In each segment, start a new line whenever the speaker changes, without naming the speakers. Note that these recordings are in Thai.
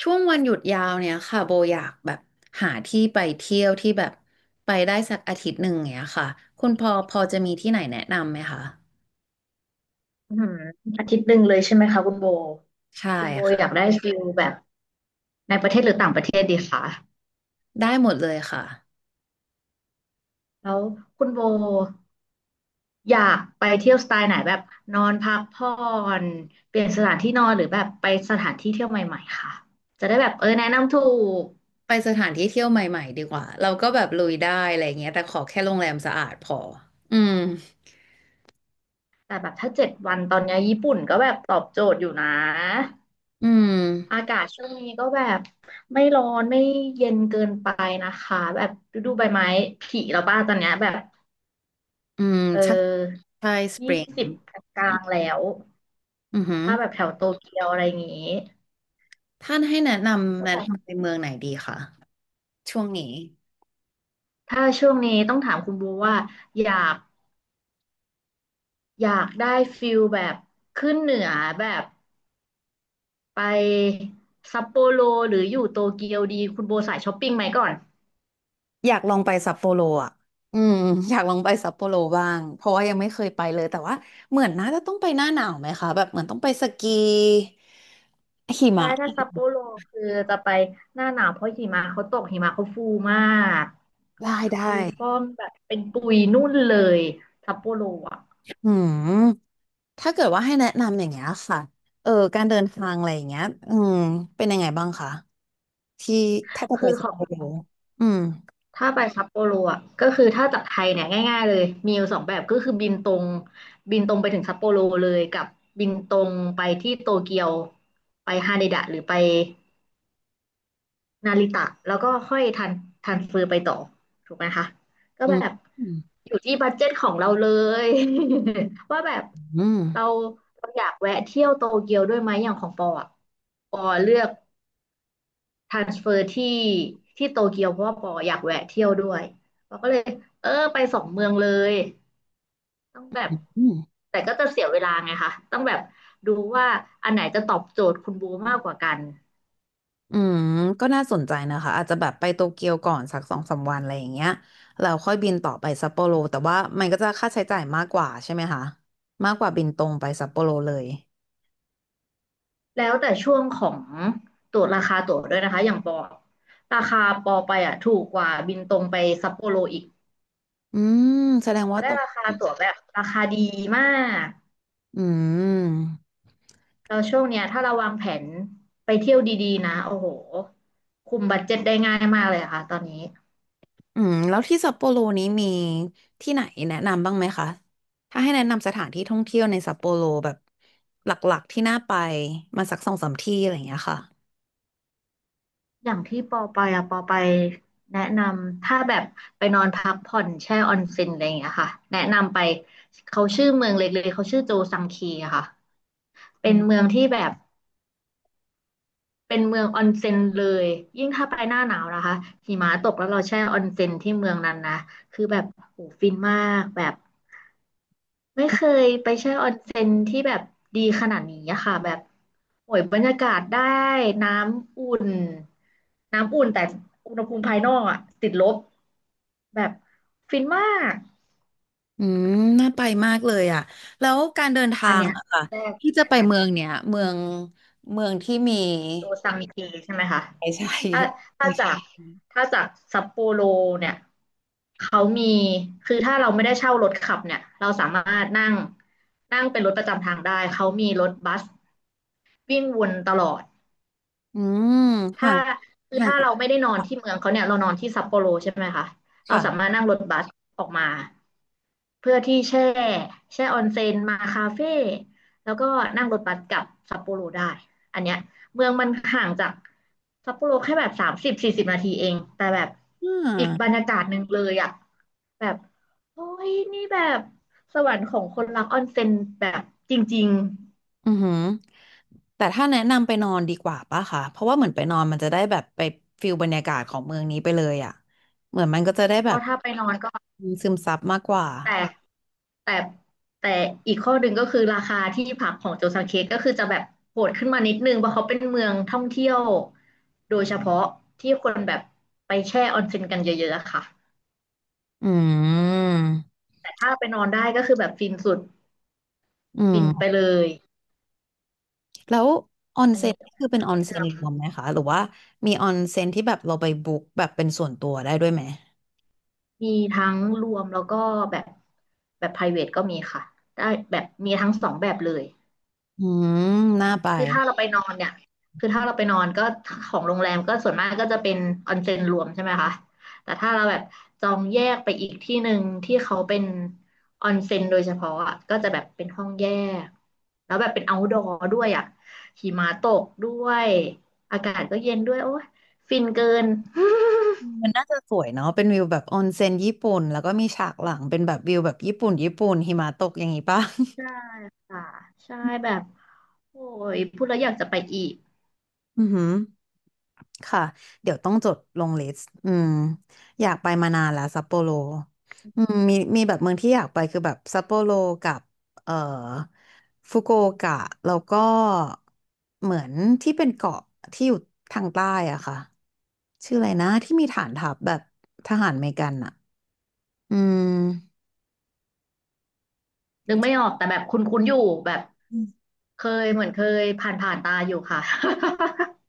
ช่วงวันหยุดยาวเนี่ยค่ะโบอยากแบบหาที่ไปเที่ยวที่แบบไปได้สักอาทิตย์หนึ่งอย่างเงี้ยค่ะคุณพอพอจะมีที่ไหนแนะนำไหมคะ
อืมอาทิตย์หนึ่งเลยใช่ไหมคะคุณโบ
ใช่
คุณโบอยาก
ค่ะ
ได้ฟิลแบบในประเทศหรือต่างประเทศดีคะ
ได้หมดเลยค่ะ
แล้วคุณโบอยากไปเที่ยวสไตล์ไหนแบบนอนพักผ่อนเปลี่ยนสถานที่นอนหรือแบบไปสถานที่เที่ยวใหม่ๆค่ะจะได้แบบแนะนำถูก
ไปสถานที่เที่ยวใหม่ๆดีกว่าเราก็แบบลุยได้อะไรเงี้ยแต่ขอแค่โรงแรมสะอาดพออืม
แต่แบบถ้า7 วันตอนเนี้ยญี่ปุ่นก็แบบตอบโจทย์อยู่นะ
อื
อา
ม
กาศช่วงนี้ก็แบบไม่ร้อนไม่เย็นเกินไปนะคะแบบฤดูใบไม้ผลิแล้วป้าตอนเนี้ยแบบ
อืม
เ
ใช่
ออ
ใช่สป
ยี่
ริง
สิบกลางๆแล้ว
อือหือ
ถ้าแบบแถวโตเกียวอะไรอย่างงี้
ท่านให้แนะนำ
ก็
แนะ
แบบ
นำไปเมืองไหนดีคะช่วงนี้
ถ้าช่วงนี้ต้องถามคุณบูว่าอยากอยากได้ฟิลแบบขึ้นเหนือแบบไปซัปโปโรหรืออยู่โตเกียวดีคุณโบสายช้อปปิ้งไหมก่อน
อยากลองไปซัปโปโรอ่ะอืม อยากลองไปซัปโปโรบ้าง เพราะว่ายังไม่เคยไปเลย แต่ว่าเหมือนน่าจะต้องไปหน้าหนาวไหมคะแบบเหมือนต้องไปสกีหิ
ใช่
มะ
ถ้าซัปโปโรคือจะไปหน้าหนาวเพราะหิมะเขาตกหิมะเขาฟูมาก
ได้ได้
ฟูฟ่องแบบเป็นปุยนุ่นเลยซัปโปโรอ่ะ
อืมถ้าเกิดว่าให้แนะนำอย่างเงี้ยค่ะเออการเดินทางอะไรอย่างเงี้ยอืมเป็นยังไงบ้างคะที่ถ้าจะไป
คือข
สัป
อง
โปโรอืม
ถ้าไปซัปโปโรอ่ะก็คือถ้าจากไทยเนี่ยง่ายๆเลยมีอยู่สองแบบก็คือบินตรงบินตรงไปถึงซัปโปโรเลยกับบินตรงไปที่โตเกียวไปฮาเดดะหรือไปนาริตะแล้วก็ค่อยทันเฟอร์ไปต่อถูกไหมคะก็
อื
แบ
ม
บ
อืม
อยู่ที่บัดเจ็ตของเราเลย ว่าแบบเราเราอยากแวะเที่ยวโตเกียวด้วยไหมอย่างของปออ่ะปอเลือก ทรานสเฟอร์ที่โตเกียวเพราะว่าปออยากแวะเที่ยวด้วยปอก็เลยไปสองเมืองเลยต้องแบบ
อืม
แต่ก็จะเสียเวลาไงคะต้องแบบดูว่าอันไหนจะตอบโจทย์คุณบูมากกว่ากัน
อืมก็น่าสนใจนะคะอาจจะแบบไปโตเกียวก่อนสักสองสามวันอะไรอย่างเงี้ยแล้วค่อยบินต่อไปซัปโปโรแต่ว่ามันก็จะค่าใช้จ่ายมากกว่าใช่ไหมคะมากกว่าบินตรงไปซัปโปโรเลย
แล้วแต่ช่วงของตั๋วราคาตั๋วด้วยนะคะอย่างปอราคาปอไปอ่ะถูกกว่าบินตรงไปซัปโปโรอีก
อืมแสดง
ปอ
ว่าต
ได้
ก
ราคาตั๋วแบบราคาดีมาก
อืม
แล้วช่วงเนี้ยถ้าเราวางแผนไปเที่ยวดีๆนะโอ้โหคุมบัดเจ็ตได้ง่ายมากเลยอะค่ะตอนนี้
อืมแล้วที่ซัปโปโรนี้มีที่ไหนแนะนำบ้างไหมคะถ้าให้แนะนำสถานที่ท่องเที่ยวในซัปโปโรแบบหลักๆที่น่าไปมาสักสองสามที่อะไรอย่างเงี้ยค่ะ
อย่างที่ปอไปอะปอไปแนะนำถ้าแบบไปนอนพักผ่อนแช่ออนเซ็นอะไรอย่างเงี้ยค่ะแนะนำไปเขาชื่อเมืองเล็กๆเขาชื่อโจซังคีอะค่ะเป็นเมืองที่แบบ เป็นเมืองออนเซ็นเลยยิ่งถ้าไปหน้าหนาวนะคะหิมะตกแล้วเราแช่ออนเซ็นที่เมืองนั้นนะคือแบบโหฟินมากแบบไม่เคยไปแช่ออนเซ็นที่แบบดีขนาดนี้อะค่ะแบบโอ้ยบรรยากาศได้น้ำอุ่นน้ำอุ่นแต่อุณหภูมิภายนอกอะติดลบแบบฟินมาก
อืมน่าไปมากเลยอ่ะแล้วการเดินทา
อัน
ง
เนี้ย
อะค่ะ
แรก
ที่จะ
แนะ
ไป
น
เมืองเนี้ยเมืองเมืองที่มี
ตัวซังเกใช่ไหมคะ
ใช่ใช่
ถ้า
คุ
ถ้า
ณช
จา
อ
ก
บ
ถ้าจากซัปโปโรเนี่ยเขามีคือถ้าเราไม่ได้เช่ารถขับเนี่ยเราสามารถนั่งนั่งเป็นรถประจำทางได้เขามีรถบัสวิ่งวนตลอด
อืม
ถ้า
ห่าง
คือ
ห่าง
ถ้า
จาก
เราไม่ได้นอนที่เมืองเขาเนี่ยเรานอนที่ซัปโปโรใช่ไหมคะเรา
ค่ะ
สามารถนั่งรถบัสออกมาเพื่อที่แช่ออนเซ็นมาคาเฟ่แล้วก็นั่งรถบัสกลับซัปโปโรได้อันเนี้ยเมืองมันห่างจากซัปโปโรแค่แบบ30-40 นาทีเองแต่แบบ
อ่
อีกบรร
า
ยากาศหนึ่งเลยอะแบบโอ้ยนี่แบบสวรรค์ของคนรักออนเซ็นแบบจริง
อือหือแต่ถ้าแนะนำไปนอนดีกว่าป่ะค่ะเพราะว่าเหมือนไปนอนมันจะได้แบบไปฟิลบรรยากาศของเมืองนี้ไปเลยอ่ะเหมือนมันก็จะได้
ๆ
แบ
ก็
บ
ถ้าไปนอนก็
ซึมซับมากกว่า
แต่ แต่แต่อีกข้อหนึ่งก็คือราคาที่พักของโจซังเคก็คือจะแบบโหดขึ้นมานิดนึงเพราะเขาเป็นเมืองท่องเที่ยวโดยเฉพาะที่คนแบบไปแช่ออนเซ็นกันเยอะๆอะค่ะ
อืม
แต่ถ้าไปนอนได้ก็คือแบบฟินสุด
อืม
ฟินไปเลย
แล้วออน
อัน
เซ็
นี้
น
ก็
นี่คือเป็นออ
แน
นเซ็
ะ
นร
น
วมไหมคะหรือว่ามีออนเซ็นที่แบบเราไปบุ๊กแบบเป็นส่วนตัวได้ด้วยไหม
ำมีทั้งรวมแล้วก็แบบแบบ private ก็มีค่ะได้แบบมีทั้งสองแบบเลย
อืมน่าไป
คือถ้าเราไปนอนเนี่ยคือถ้าเราไปนอนก็ของโรงแรมก็ส่วนมากก็จะเป็นออนเซ็นรวมใช่ไหมคะแต่ถ้าเราแบบจองแยกไปอีกที่หนึ่งที่เขาเป็นออนเซ็นโดยเฉพาะอะก็จะแบบเป็นห้องแยกแล้วแบบเป็น outdoor ด้วยอ่ะหิมะตกด้วยอากาศก็เย็นด้วยโอ้ยฟินเกิน
มันน่าจะสวยเนาะเป็นวิวแบบออนเซ็นญี่ปุ่นแล้วก็มีฉากหลังเป็นแบบวิวแบบญี่ปุ่นญี่ปุ่นหิมะตกอย่างนี้ป่ะ
ใช่ค่ะใช่แบบโอ้ยพูดแล้วอยากจะไปอีก
อือหือ ค่ะเดี๋ยวต้องจดลงลิสต์อืมอยากไปมานานแล้วซัปโปโรอืมมีมีแบบเมืองที่อยากไปคือแบบซัปโปโรกับเอ่อฟุกุโอกะแล้วก็เหมือนที่เป็นเกาะที่อยู่ทางใต้อะค่ะชื่ออะไรนะที่มีฐานทัพแบบทหารอเมริกันอะอืม
นึกไม่ออกแต่แบบคุ้นๆอยู่แบบ
อืม
เคยเหมือนเคยผ่านผ่านตาอยู่ค่ะ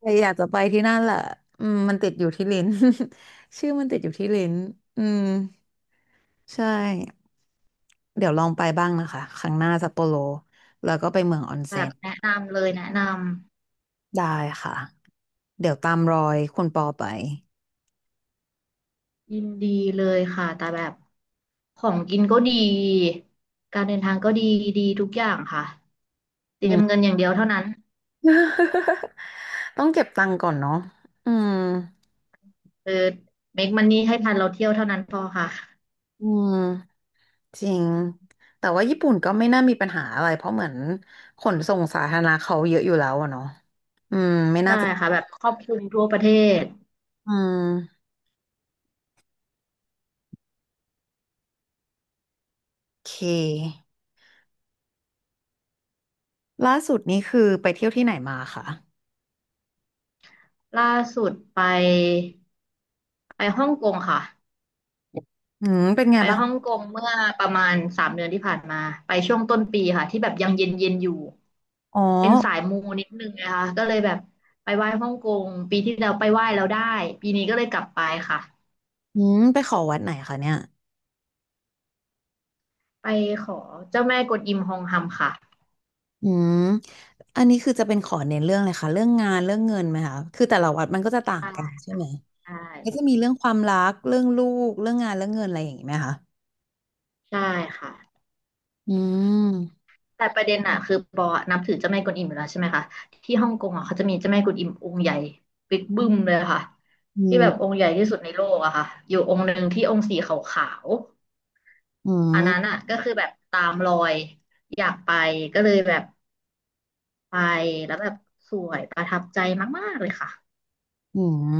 แต่อยากจะไปที่นั่นแหละอืมมันติดอยู่ที่ลิ้น ชื่อมันติดอยู่ที่ลิ้นอืมใช่ เดี๋ยวลองไปบ้างนะคะครั้งหน้าซัปโปโรแล้วก็ไปเมืองออน
แบ
เซ็
บ
น
แนะนำเลยแนะนำ
ได้ค่ะเดี๋ยวตามรอยคุณปอไป
ยินดีเลยค่ะแต่แบบของกินก็ดีการเดินทางก็ดีดีทุกอย่างค่ะเต
อื
รียม
ม
เงินอย่างเดียวเท่านั้น
ต้องเก็บตังค์ก่อนเนาะอืม
เออเมคมันนี่ให้ทันเราเที่ยวเท่านั้นพอค่ะ
อืมจริงแต่ว่าญี่ปุ่นก็ไม่น่ามีปัญหาอะไรเพราะเหมือนขนส่งสาธารณะเขาเยอะอยู่แล้วอะเนาะอืมไม่น่า
ใช่
จะ
ค่ะแบบครอบคลุมทั่วประเทศ
อืมโอเคล่าสุดนี่คือไปเที่ยวที่ไหนมาคะ
ล่าสุดไปฮ่องกงค่ะ
อืมเป็นไง
ไป
บ้าง
ฮ่องกงเมื่อประมาณ3 เดือนที่ผ่านมาไปช่วงต้นปีค่ะที่แบบยังเย็นเย็นอยู่
อ๋อ
เป็นสายมูนิดนึงนะคะก็เลยแบบไปไหว้ฮ่องกงปีที่แล้วไปไหว้แล้วได้ปีนี้ก็เลยกลับไปค่ะ
อืมไปขอวัดไหนคะเนี่ย
ไปขอเจ้าแม่กวนอิมฮองฮัมค่ะ
อืม อันนี้คือจะเป็นขอเน้นเรื่องเลยค่ะเรื่องงานเรื่องเงินไหมคะคือแต่ละวัดมันก็จะต่าง
ใช่
กันใช่ไหม
ใช่
ก็จะมีเรื่องความรักเรื่องลูกเรื่องงานเรื่องเงินอะไรอย่างนี้ไหมคะ
ใช่ค่ะ
อืม
แต่ประเด็นอะคือปอนับถือเจ้าแม่กวนอิมอยู่แล้วใช่ไหมคะที่ฮ่องกงอะเขาจะมีเจ้าแม่กวนอิมองค์ใหญ่บิ๊กบึ้มเลยค่ะ
อื
ที่
ม
แบบองค์ใหญ่ที่สุดในโลกอะค่ะอยู่องค์หนึ่งที่องค์สีขาว
อื
อันนั้น
ม
อ่ะก็คือแบบตามรอยอยากไปก็เลยแบบไปแล้วแบบสวยประทับใจมากๆเลยค่ะ
อืม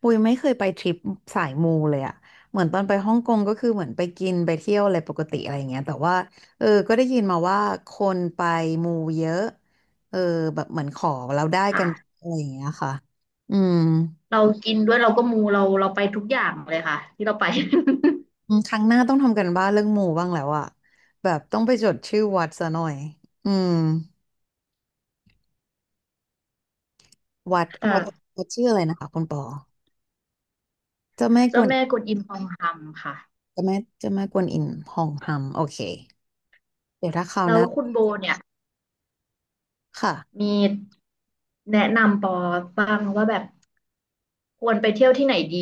ปุยไม่เคยไปทริปสายมูเลยอะเหมือนตอนไปฮ่องกงก็คือเหมือนไปกินไปเที่ยวอะไรปกติอะไรอย่างเงี้ยแต่ว่าเออก็ได้ยินมาว่าคนไปมูเยอะเออแบบเหมือนขอเราได้กัน
ค่ะ
อะไรอย่างเงี้ยค่ะอืม
เรากินด้วยเราก็มูเราไปทุกอย่างเลยค่ะที่เราไป
อืมครั้งหน้าต้องทำกันบ้านเรื่องหมู่บ้างแล้วอะแบบต้องไปจดชื่อวัดซะหน่อยอืมวัด วัด
ค่ะ
วัดชื่ออะไรนะคะคุณปอเจ้าแม่ก
เจ้า
วน
แม่กวนอิมทองคำค่ะ
เจ้าแม่กวนอิมหองฮัมโอเคเดี๋ยวถ้าคราว
แล้
ห
ว
น้า
คุณโบเนี่ย
ค่ะ
มีแนะนำปอบ้างว่าแบบควรไปเที่ยวที่ไหนดี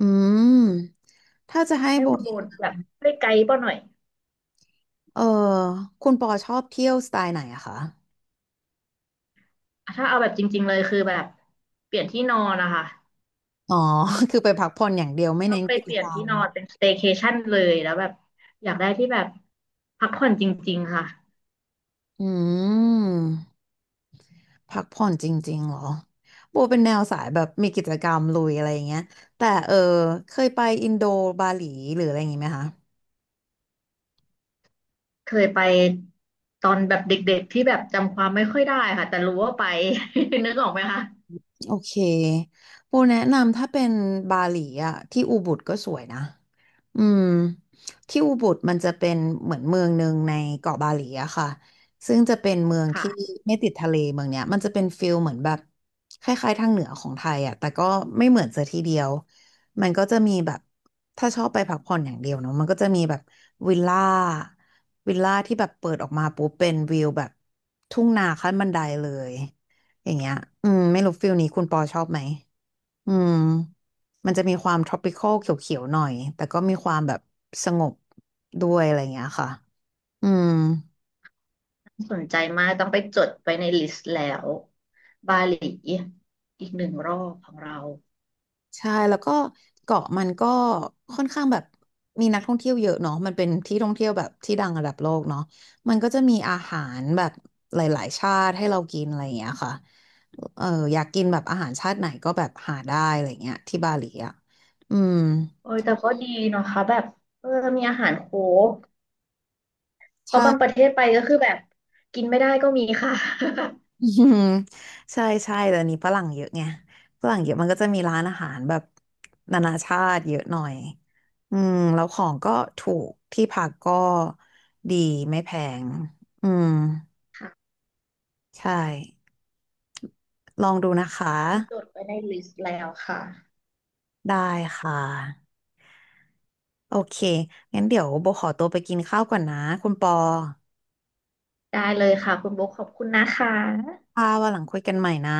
อืมถ้าจะให้
ให้
โบ
คุณโบแบบช่วยไกด์ปอหน่อย
เออคุณปอชอบเที่ยวสไตล์ไหนอะคะ
ถ้าเอาแบบจริงๆเลยคือแบบเปลี่ยนที่นอนนะคะ
อ๋อ คือไปพักผ่อนอย่างเดียวไม่
เรา
เน้น
ไป
กิจ
เปลี่
ก
ยน
รร
ที่
ม
นอนเป็นสเต y c a ชั่นเลยแล้วแบบอยากได้ที่แบบพักผ่อนจริงๆค่ะ
อืม พักผ่อนจริงๆเหรอโบเป็นแนวสายแบบมีกิจกรรมลุยอะไรอย่างเงี้ยแต่เออเคยไปอินโดบาหลีหรืออะไรอย่างงี้ไหมคะ
เคยไปตอนแบบเด็กๆที่แบบจำความไม่ค่อยได้ค่ะแต่รู้ว่าไป นึกออกไหมคะ
โอเคปูแนะนำถ้าเป็นบาหลีอะที่อูบุดก็สวยนะอืมที่อูบุดมันจะเป็นเหมือนเมืองหนึ่งในเกาะบาหลีอะค่ะซึ่งจะเป็นเมือง
ค่ะ
ที่ไม่ติดทะเลเมืองเนี้ยมันจะเป็นฟิลเหมือนแบบคล้ายๆทางเหนือของไทยอะแต่ก็ไม่เหมือนซะทีเดียว มันก็จะมีแบบถ้าชอบไปพักผ่อนอย่างเดียวเนาะมันก็จะมีแบบวิลล่าวิลล่าที่แบบเปิดออกมาปุ๊บเป็นวิวแบบทุ่งนาขั้นบันไดเลย อย่างเงี้ยอืมไม่รู้ฟิลนี้คุณปอชอบไหมอืมมันจะมีความ tropical เขียวๆหน่อยแต่ก็มีความแบบสงบด้วยอะไรอย่างเงี้ยค่ะอืม
น่าสนใจมากต้องไปจดไปในลิสต์แล้วบาหลีอีกหนึ่งรอบของเรา
ใช่ แล้วก็เกาะมันก็ค่อนข้างแบบมีนักท่องเที่ยวเยอะเนาะมันเป็นที่ท่องเที่ยวแบบที่ดังระดับโลกเนาะมันก็จะมีอาหารแบบหลายๆชาติให้เรากินอะไรอย่างเงี้ยค่ะเอออยากกินแบบอาหารชาติไหนก็แบบหาได้อะไรเงี้ยที่บาหลีอ่ะอืม
โอ้ยแต่ก็ดีเนาะคะแบบเออมีอาหารโคกเพ
ใช่
ราะบางประเทศไปก็คือแบบกินไม่ได้ก็มีค่ะ
อืมใช่ใช่แต่อันนี้ฝรั่งเยอะไงฝรั่งเยอะมันก็จะมีร้านอาหารแบบนานาชาติเยอะหน่อยอืมแล้วของก็ถูกที่พักก็ดีไม่แพงอืม
ค่ะ
ใช่ลองดูนะคะ
ต้องจดไว้ในลิสต์แล้วค่ะ
ได้ค่ะโอเคงั้นเดี๋ยวโบขอตัวไปกินข้าวก่อนนะคุณปอ
ได้เลยค่ะคุณโบคขอบคุณนะคะ
ค่ะวันหลังคุยกันใหม่นะ